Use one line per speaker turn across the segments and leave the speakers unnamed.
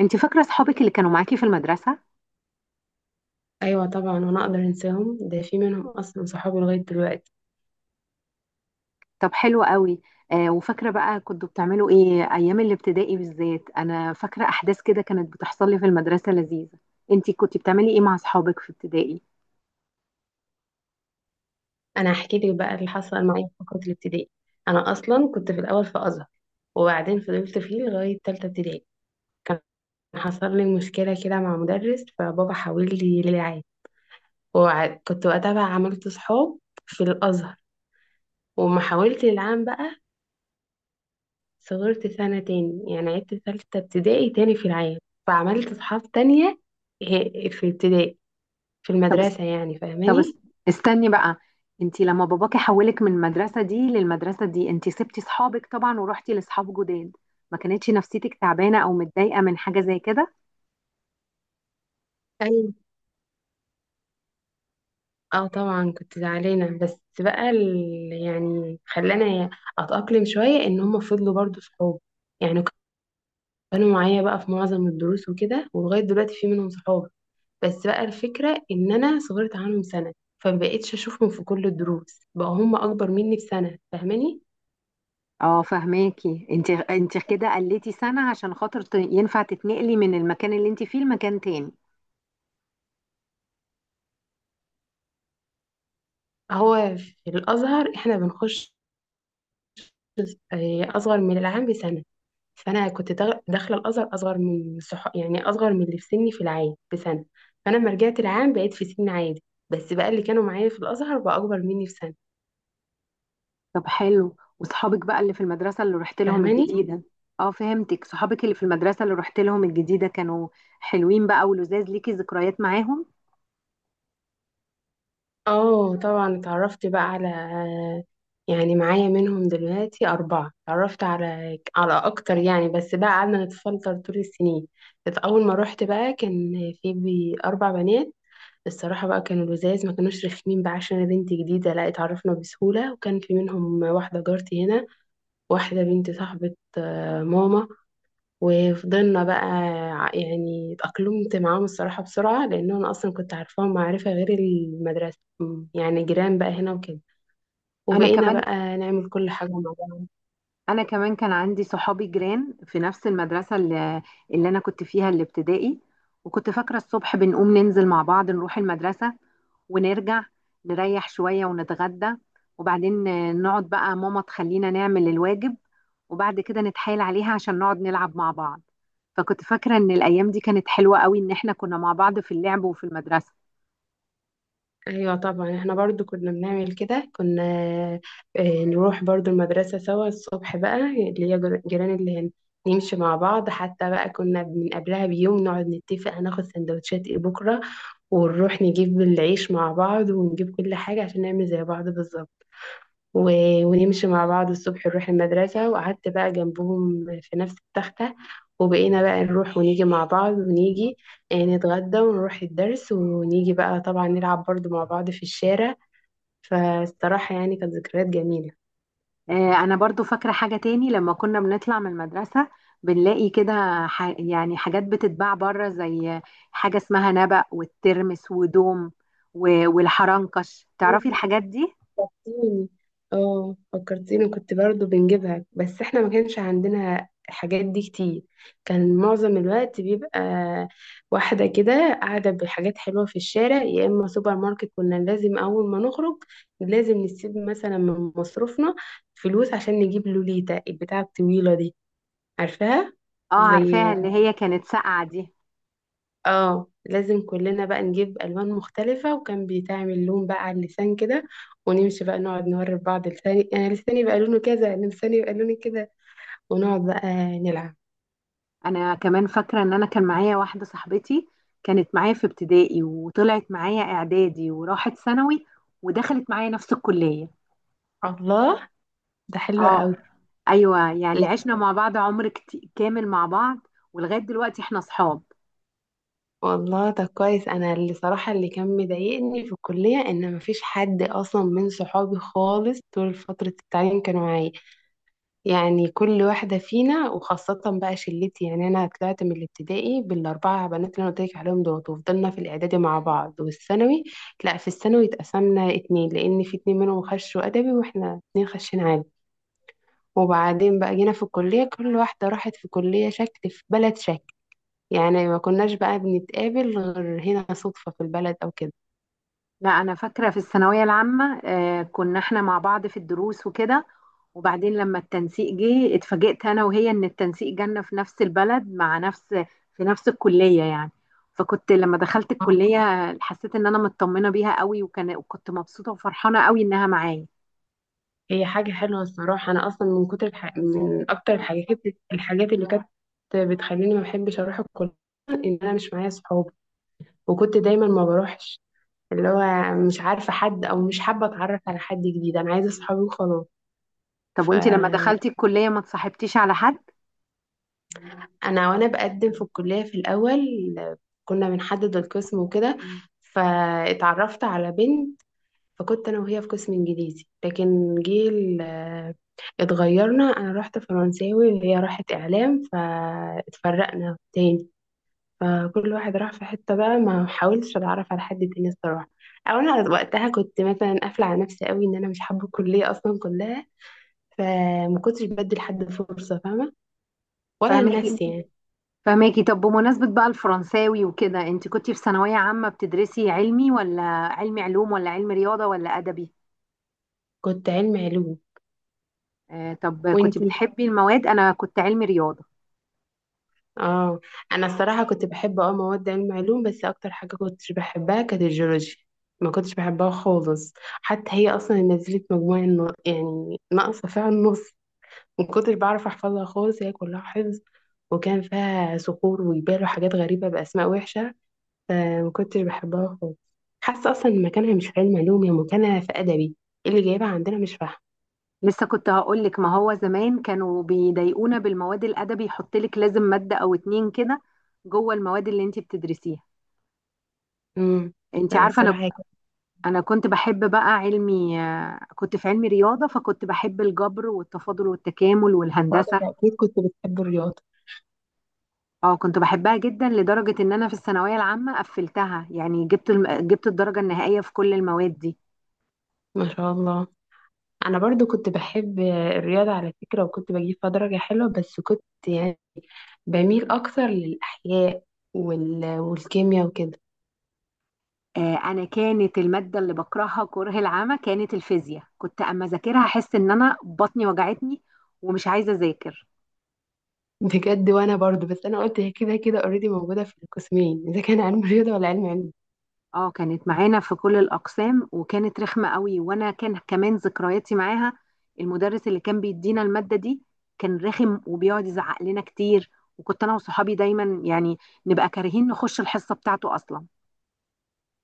انت فاكره اصحابك اللي كانوا معاكي في المدرسه؟
ايوه، طبعا. وانا اقدر انساهم؟ ده في منهم اصلا صحابي لغايه دلوقتي.
طب حلو قوي. وفاكره بقى كنتوا بتعملوا ايه ايام الابتدائي؟ بالذات انا فاكره احداث كده كانت بتحصل لي في المدرسه لذيذه. انت كنت بتعملي ايه مع اصحابك في ابتدائي؟
انا هحكي لك بقى اللي حصل معايا في فتره الابتدائي. انا اصلا كنت في الاول في ازهر، وبعدين فضلت فيه لغايه تالته ابتدائي. حصل لي مشكله كده مع مدرس، فبابا حاول لي للعام، وكنت وقتها بقى عملت صحاب في الازهر، وما حاولت للعام بقى. صغرت سنه تاني، يعني عدت تالته ابتدائي تاني في العام، فعملت صحاب تانية في ابتدائي، في
طب است-
المدرسه يعني،
طب است-
فاهماني؟
استني بقى. انت لما باباكي حولك من المدرسه دي للمدرسه دي، انت سبتي اصحابك طبعا ورحتي لاصحاب جداد، ما كانتش نفسيتك تعبانه او متضايقه من حاجه زي كده؟
اه، طبعا كنت زعلانة، بس بقى يعني خلاني اتأقلم شوية ان هم فضلوا برضو صحاب، يعني كانوا معايا بقى في معظم الدروس وكده، ولغاية دلوقتي في منهم صحاب. بس بقى الفكرة ان انا صغرت عنهم سنة، فمبقتش اشوفهم في كل الدروس بقى، هم اكبر مني بسنة، فاهماني؟
اه فهماكي. انت كده قلتي سنه عشان خاطر ينفع تتنقلي من المكان اللي انت فيه لمكان تاني.
هو في الازهر احنا بنخش اصغر من العام بسنة. فانا كنت داخله الازهر اصغر من يعني اصغر من اللي في سني في العام بسنه. فانا لما رجعت العام بقيت في سن عادي، بس بقى اللي كانوا معايا في الازهر بقى اكبر مني بسنه،
طب حلو، وصحابك بقى اللي في المدرسة اللي رحت لهم
فاهماني؟
الجديدة؟ اه فهمتك، صحابك اللي في المدرسة اللي رحت لهم الجديدة كانوا حلوين بقى ولذاذ، ليكي ذكريات معاهم؟
اه، طبعا اتعرفت بقى على، يعني معايا منهم دلوقتي أربعة، اتعرفت على أكتر يعني، بس بقى قعدنا نتفلتر طول السنين. بس أول ما روحت بقى كان في أربع بنات. الصراحة بقى كانوا لزاز، ما كانوش رخمين بقى، عشان أنا بنت جديدة لا اتعرفنا بسهولة، وكان في منهم واحدة جارتي هنا، واحدة بنت صاحبة ماما. وفضلنا بقى، يعني اتأقلمت معاهم الصراحة بسرعة، لأن أنا أصلا كنت عارفاهم معرفة غير المدرسة، يعني جيران بقى هنا وكده.
انا
وبقينا
كمان
بقى نعمل كل حاجة مع بعض.
انا كمان كان عندي صحابي جيران في نفس المدرسة اللي انا كنت فيها الابتدائي، وكنت فاكرة الصبح بنقوم ننزل مع بعض نروح المدرسة، ونرجع نريح شوية ونتغدى، وبعدين نقعد بقى ماما تخلينا نعمل الواجب، وبعد كده نتحايل عليها عشان نقعد نلعب مع بعض. فكنت فاكرة إن الأيام دي كانت حلوة قوي، إن إحنا كنا مع بعض في اللعب وفي المدرسة.
أيوة طبعا، احنا برضو كنا بنعمل كده، كنا نروح برضو المدرسة سوا الصبح، بقى اللي هي جيران اللي هنا. نمشي مع بعض، حتى بقى كنا من قبلها بيوم نقعد نتفق هناخد سندوتشات ايه بكرة، ونروح نجيب العيش مع بعض، ونجيب كل حاجة عشان نعمل زي بعض بالظبط. و... ونمشي مع بعض الصبح نروح المدرسة، وقعدت بقى جنبهم في نفس التختة. وبقينا بقى نروح ونيجي مع بعض، ونيجي نتغدى ونروح الدرس، ونيجي بقى طبعا نلعب برضو مع بعض في الشارع. فالصراحة يعني كانت ذكريات جميلة.
أنا برضو فاكرة حاجة تاني. لما كنا بنطلع من المدرسة بنلاقي كده، يعني حاجات بتتباع بره، زي حاجة اسمها نبق والترمس ودوم والحرنكش، تعرفي الحاجات دي؟
فكرتيني اه فكرتيني، كنت برضو بنجيبها، بس احنا ما كانش عندنا الحاجات دي كتير. كان معظم الوقت بيبقى واحدة كده قاعدة بحاجات حلوة في الشارع، يا إما سوبر ماركت. كنا لازم أول ما نخرج، لازم نسيب مثلا من مصروفنا فلوس عشان نجيب لوليتا البتاعة الطويلة دي، عارفاها؟
اه عارفاها،
زي
اللي هي كانت ساقعة دي.
اه لازم كلنا بقى نجيب ألوان مختلفة، وكان بيتعمل لون بقى على اللسان كده، ونمشي بقى نقعد نوري بعض لساني، أنا لساني يبقى لونه كذا، لساني يبقى لوني كده، ونقعد بقى نلعب.
أنا كمان فاكرة إن أنا كان معايا واحدة صاحبتي كانت معايا في ابتدائي وطلعت معايا إعدادي وراحت ثانوي ودخلت معايا نفس الكلية.
الله، ده حلو
اه
قوي.
ايوه، يعني
لا،
عشنا مع بعض عمر كامل مع بعض، ولغايه دلوقتي احنا اصحاب.
والله ده كويس، أنا اللي صراحة اللي كان مضايقني في الكلية إن مفيش حد أصلا من صحابي خالص طول فترة التعليم كانوا معايا. يعني كل واحدة فينا، وخاصة بقى شلتي، يعني أنا طلعت من الابتدائي بالأربعة بنات اللي أنا قلت لك عليهم دول، وفضلنا في الإعدادي مع بعض والثانوي. لا، في الثانوي اتقسمنا اتنين، لأن في اتنين منهم خشوا أدبي، وإحنا اتنين خشين عادي. وبعدين بقى جينا في الكلية، كل واحدة راحت في كلية شكل في بلد شكل، يعني ما كناش بقى بنتقابل غير هنا صدفة في البلد أو كده.
لا، انا فاكره في الثانويه العامه آه كنا احنا مع بعض في الدروس وكده، وبعدين لما التنسيق جه اتفاجئت انا وهي ان التنسيق جالنا في نفس البلد، مع نفس في نفس الكليه يعني. فكنت لما دخلت الكليه حسيت ان انا مطمنه بيها قوي، وكنت مبسوطه وفرحانه قوي انها معايا.
هي حاجة حلوة الصراحة، أنا أصلا من أكتر الحاجات، اللي كانت بتخليني ما بحبش أروح الكلية، إن أنا مش معايا صحاب، وكنت دايما ما بروحش، اللي هو مش عارفة حد أو مش حابة أتعرف على حد جديد، أنا عايزة صحابي وخلاص.
طب وانت لما
فأنا
دخلتي الكليه ما اتصاحبتيش على حد؟
وأنا بقدم في الكلية في الأول، كنا بنحدد القسم وكده، فاتعرفت على بنت، فكنت انا وهي في قسم انجليزي، لكن جه اتغيرنا، انا رحت فرنساوي وهي راحت اعلام، فاتفرقنا تاني، فكل واحد راح في حتة بقى، ما حاولتش اتعرف على حد تاني الصراحة، او انا وقتها كنت مثلا قافلة على نفسي قوي ان انا مش حابة الكلية اصلا كلها، فما كنتش بدي لحد فرصة فاهمة، ولا
فاهمه.
لنفسي يعني.
فماكي طب، بمناسبة بقى الفرنساوي وكده، انت كنتي في ثانوية عامة بتدرسي علمي ولا علمي علوم ولا علمي رياضة ولا أدبي؟
كنت علم علوم.
آه طب كنت
وانتي؟
بتحبي المواد؟ أنا كنت علمي رياضة
اه، انا الصراحه كنت بحب مواد علم علوم، بس اكتر حاجه كنتش بحبها كانت الجيولوجيا، ما كنتش بحبها خالص، حتى هي اصلا نزلت مجموعه يعني ناقصه فيها النص، ما كنتش بعرف احفظها خالص، هي كلها حفظ، وكان فيها صخور وجبال وحاجات غريبه باسماء وحشه، فما كنتش بحبها خالص، حاسه اصلا إن مكانها مش في علم علوم، هي مكانها في ادبي، إيه اللي جايبها عندنا مش فاهمه.
لسه كنت هقولك، ما هو زمان كانوا بيضايقونا بالمواد الأدبي، يحطلك لازم مادة أو اتنين كده جوه المواد اللي انت بتدرسيها.
امم
انت عارفة، أنا
فالصراحه هي كانت
أنا كنت بحب بقى علمي، آه كنت في علمي رياضة، فكنت بحب الجبر والتفاضل والتكامل
صعبة.
والهندسة.
اكيد كنت بتحب الرياضه.
اه كنت بحبها جدا، لدرجة ان انا في الثانوية العامة قفلتها، يعني جبت الدرجة النهائية في كل المواد دي.
ما شاء الله، انا برضو كنت بحب الرياضة على فكرة، وكنت بجيب فيها درجة حلوة، بس كنت يعني بميل اكتر للاحياء والكيمياء وكده.
آه انا كانت المادة اللي بكرهها كره العمى كانت الفيزياء، كنت اما اذاكرها احس ان انا بطني وجعتني ومش عايزة اذاكر.
بجد، وانا برضو، بس انا قلت هي كده كده اوريدي موجودة في القسمين، اذا كان علم رياضة ولا علم.
اه كانت معانا في كل الاقسام وكانت رخمة قوي، وانا كان كمان ذكرياتي معاها، المدرس اللي كان بيدينا المادة دي كان رخم وبيقعد يزعق لنا كتير، وكنت انا وصحابي دايما يعني نبقى كارهين نخش الحصة بتاعته اصلا.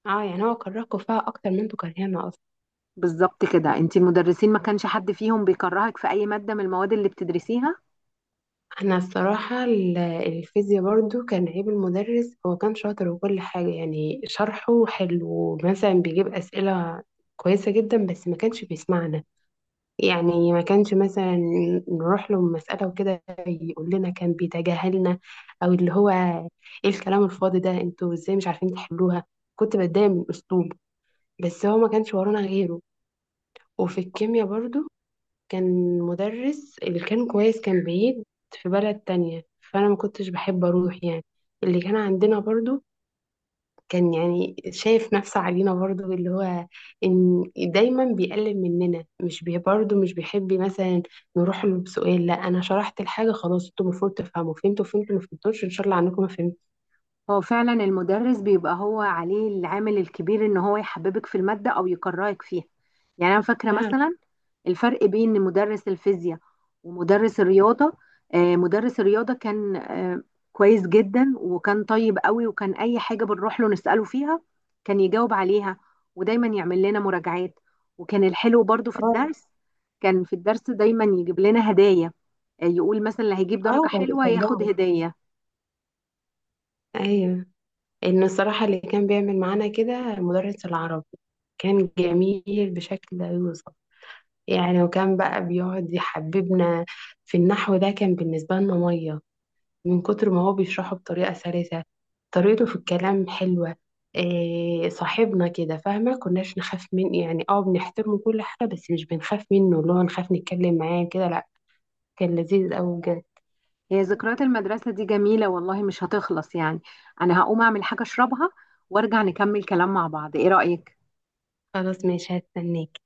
اه، يعني هو كرهكم فيها اكتر من انتوا كرهانا اصلا.
بالظبط كده. انت المدرسين ما كانش حد فيهم بيكرهك في اي مادة من المواد اللي بتدرسيها؟
انا الصراحة الفيزياء برضو كان عيب المدرس، هو كان شاطر وكل حاجة، يعني شرحه حلو، مثلا بيجيب اسئلة كويسة جدا، بس ما كانش بيسمعنا، يعني ما كانش مثلا نروح له مسألة وكده يقول لنا، كان بيتجاهلنا، او اللي هو: ايه الكلام الفاضي ده، انتوا ازاي مش عارفين تحلوها. كنت بتضايق من اسلوبه، بس هو ما كانش ورانا غيره. وفي الكيمياء برضو، كان مدرس اللي كان كويس كان بعيد في بلد تانية، فانا ما كنتش بحب اروح يعني، اللي كان عندنا برضو كان يعني شايف نفسه علينا برضو، اللي هو ان دايما بيقلل مننا، مش برضو مش بيحب مثلا نروح له بسؤال، لا انا شرحت الحاجه خلاص، انتوا المفروض تفهموا، فهمتوا فهمتوا، ما فهمتوش ان شاء الله عنكم ما فهمتوا.
هو فعلا المدرس بيبقى هو عليه العامل الكبير ان هو يحببك في المادة او يكرهك فيها. يعني انا فاكرة
فعلا.
مثلا الفرق بين مدرس الفيزياء ومدرس الرياضة. مدرس الرياضة كان، كويس جدا وكان طيب قوي، وكان أي حاجة بنروح له نسأله فيها كان يجاوب عليها، ودايما يعمل لنا مراجعات، وكان الحلو برضو في
اه.
الدرس، كان في الدرس دايما يجيب لنا هدايا، يقول مثلا اللي هيجيب درجة
اه، كان
حلوة ياخد
بيشجعك.
هدية.
ايوه، ان الصراحه اللي كان بيعمل معانا كده مدرس العربي، كان جميل بشكل لا يوصف، يعني وكان بقى بيقعد يحببنا في النحو ده، كان بالنسبه لنا ميه، من كتر ما هو بيشرحه بطريقة سلسة، طريقته في الكلام حلوة، إيه صاحبنا كده، فاهمة كناش نخاف من يعني بنحترمه كل حاجة، بس مش بنخاف منه، اللي هو نخاف نتكلم معاه كده، لا. كان لذيذ أوي بجد.
هي ذكريات المدرسة دي جميلة والله، مش هتخلص يعني. أنا هقوم أعمل حاجة أشربها وأرجع نكمل كلام مع بعض، إيه رأيك؟
خلاص، ماشي، هستناك.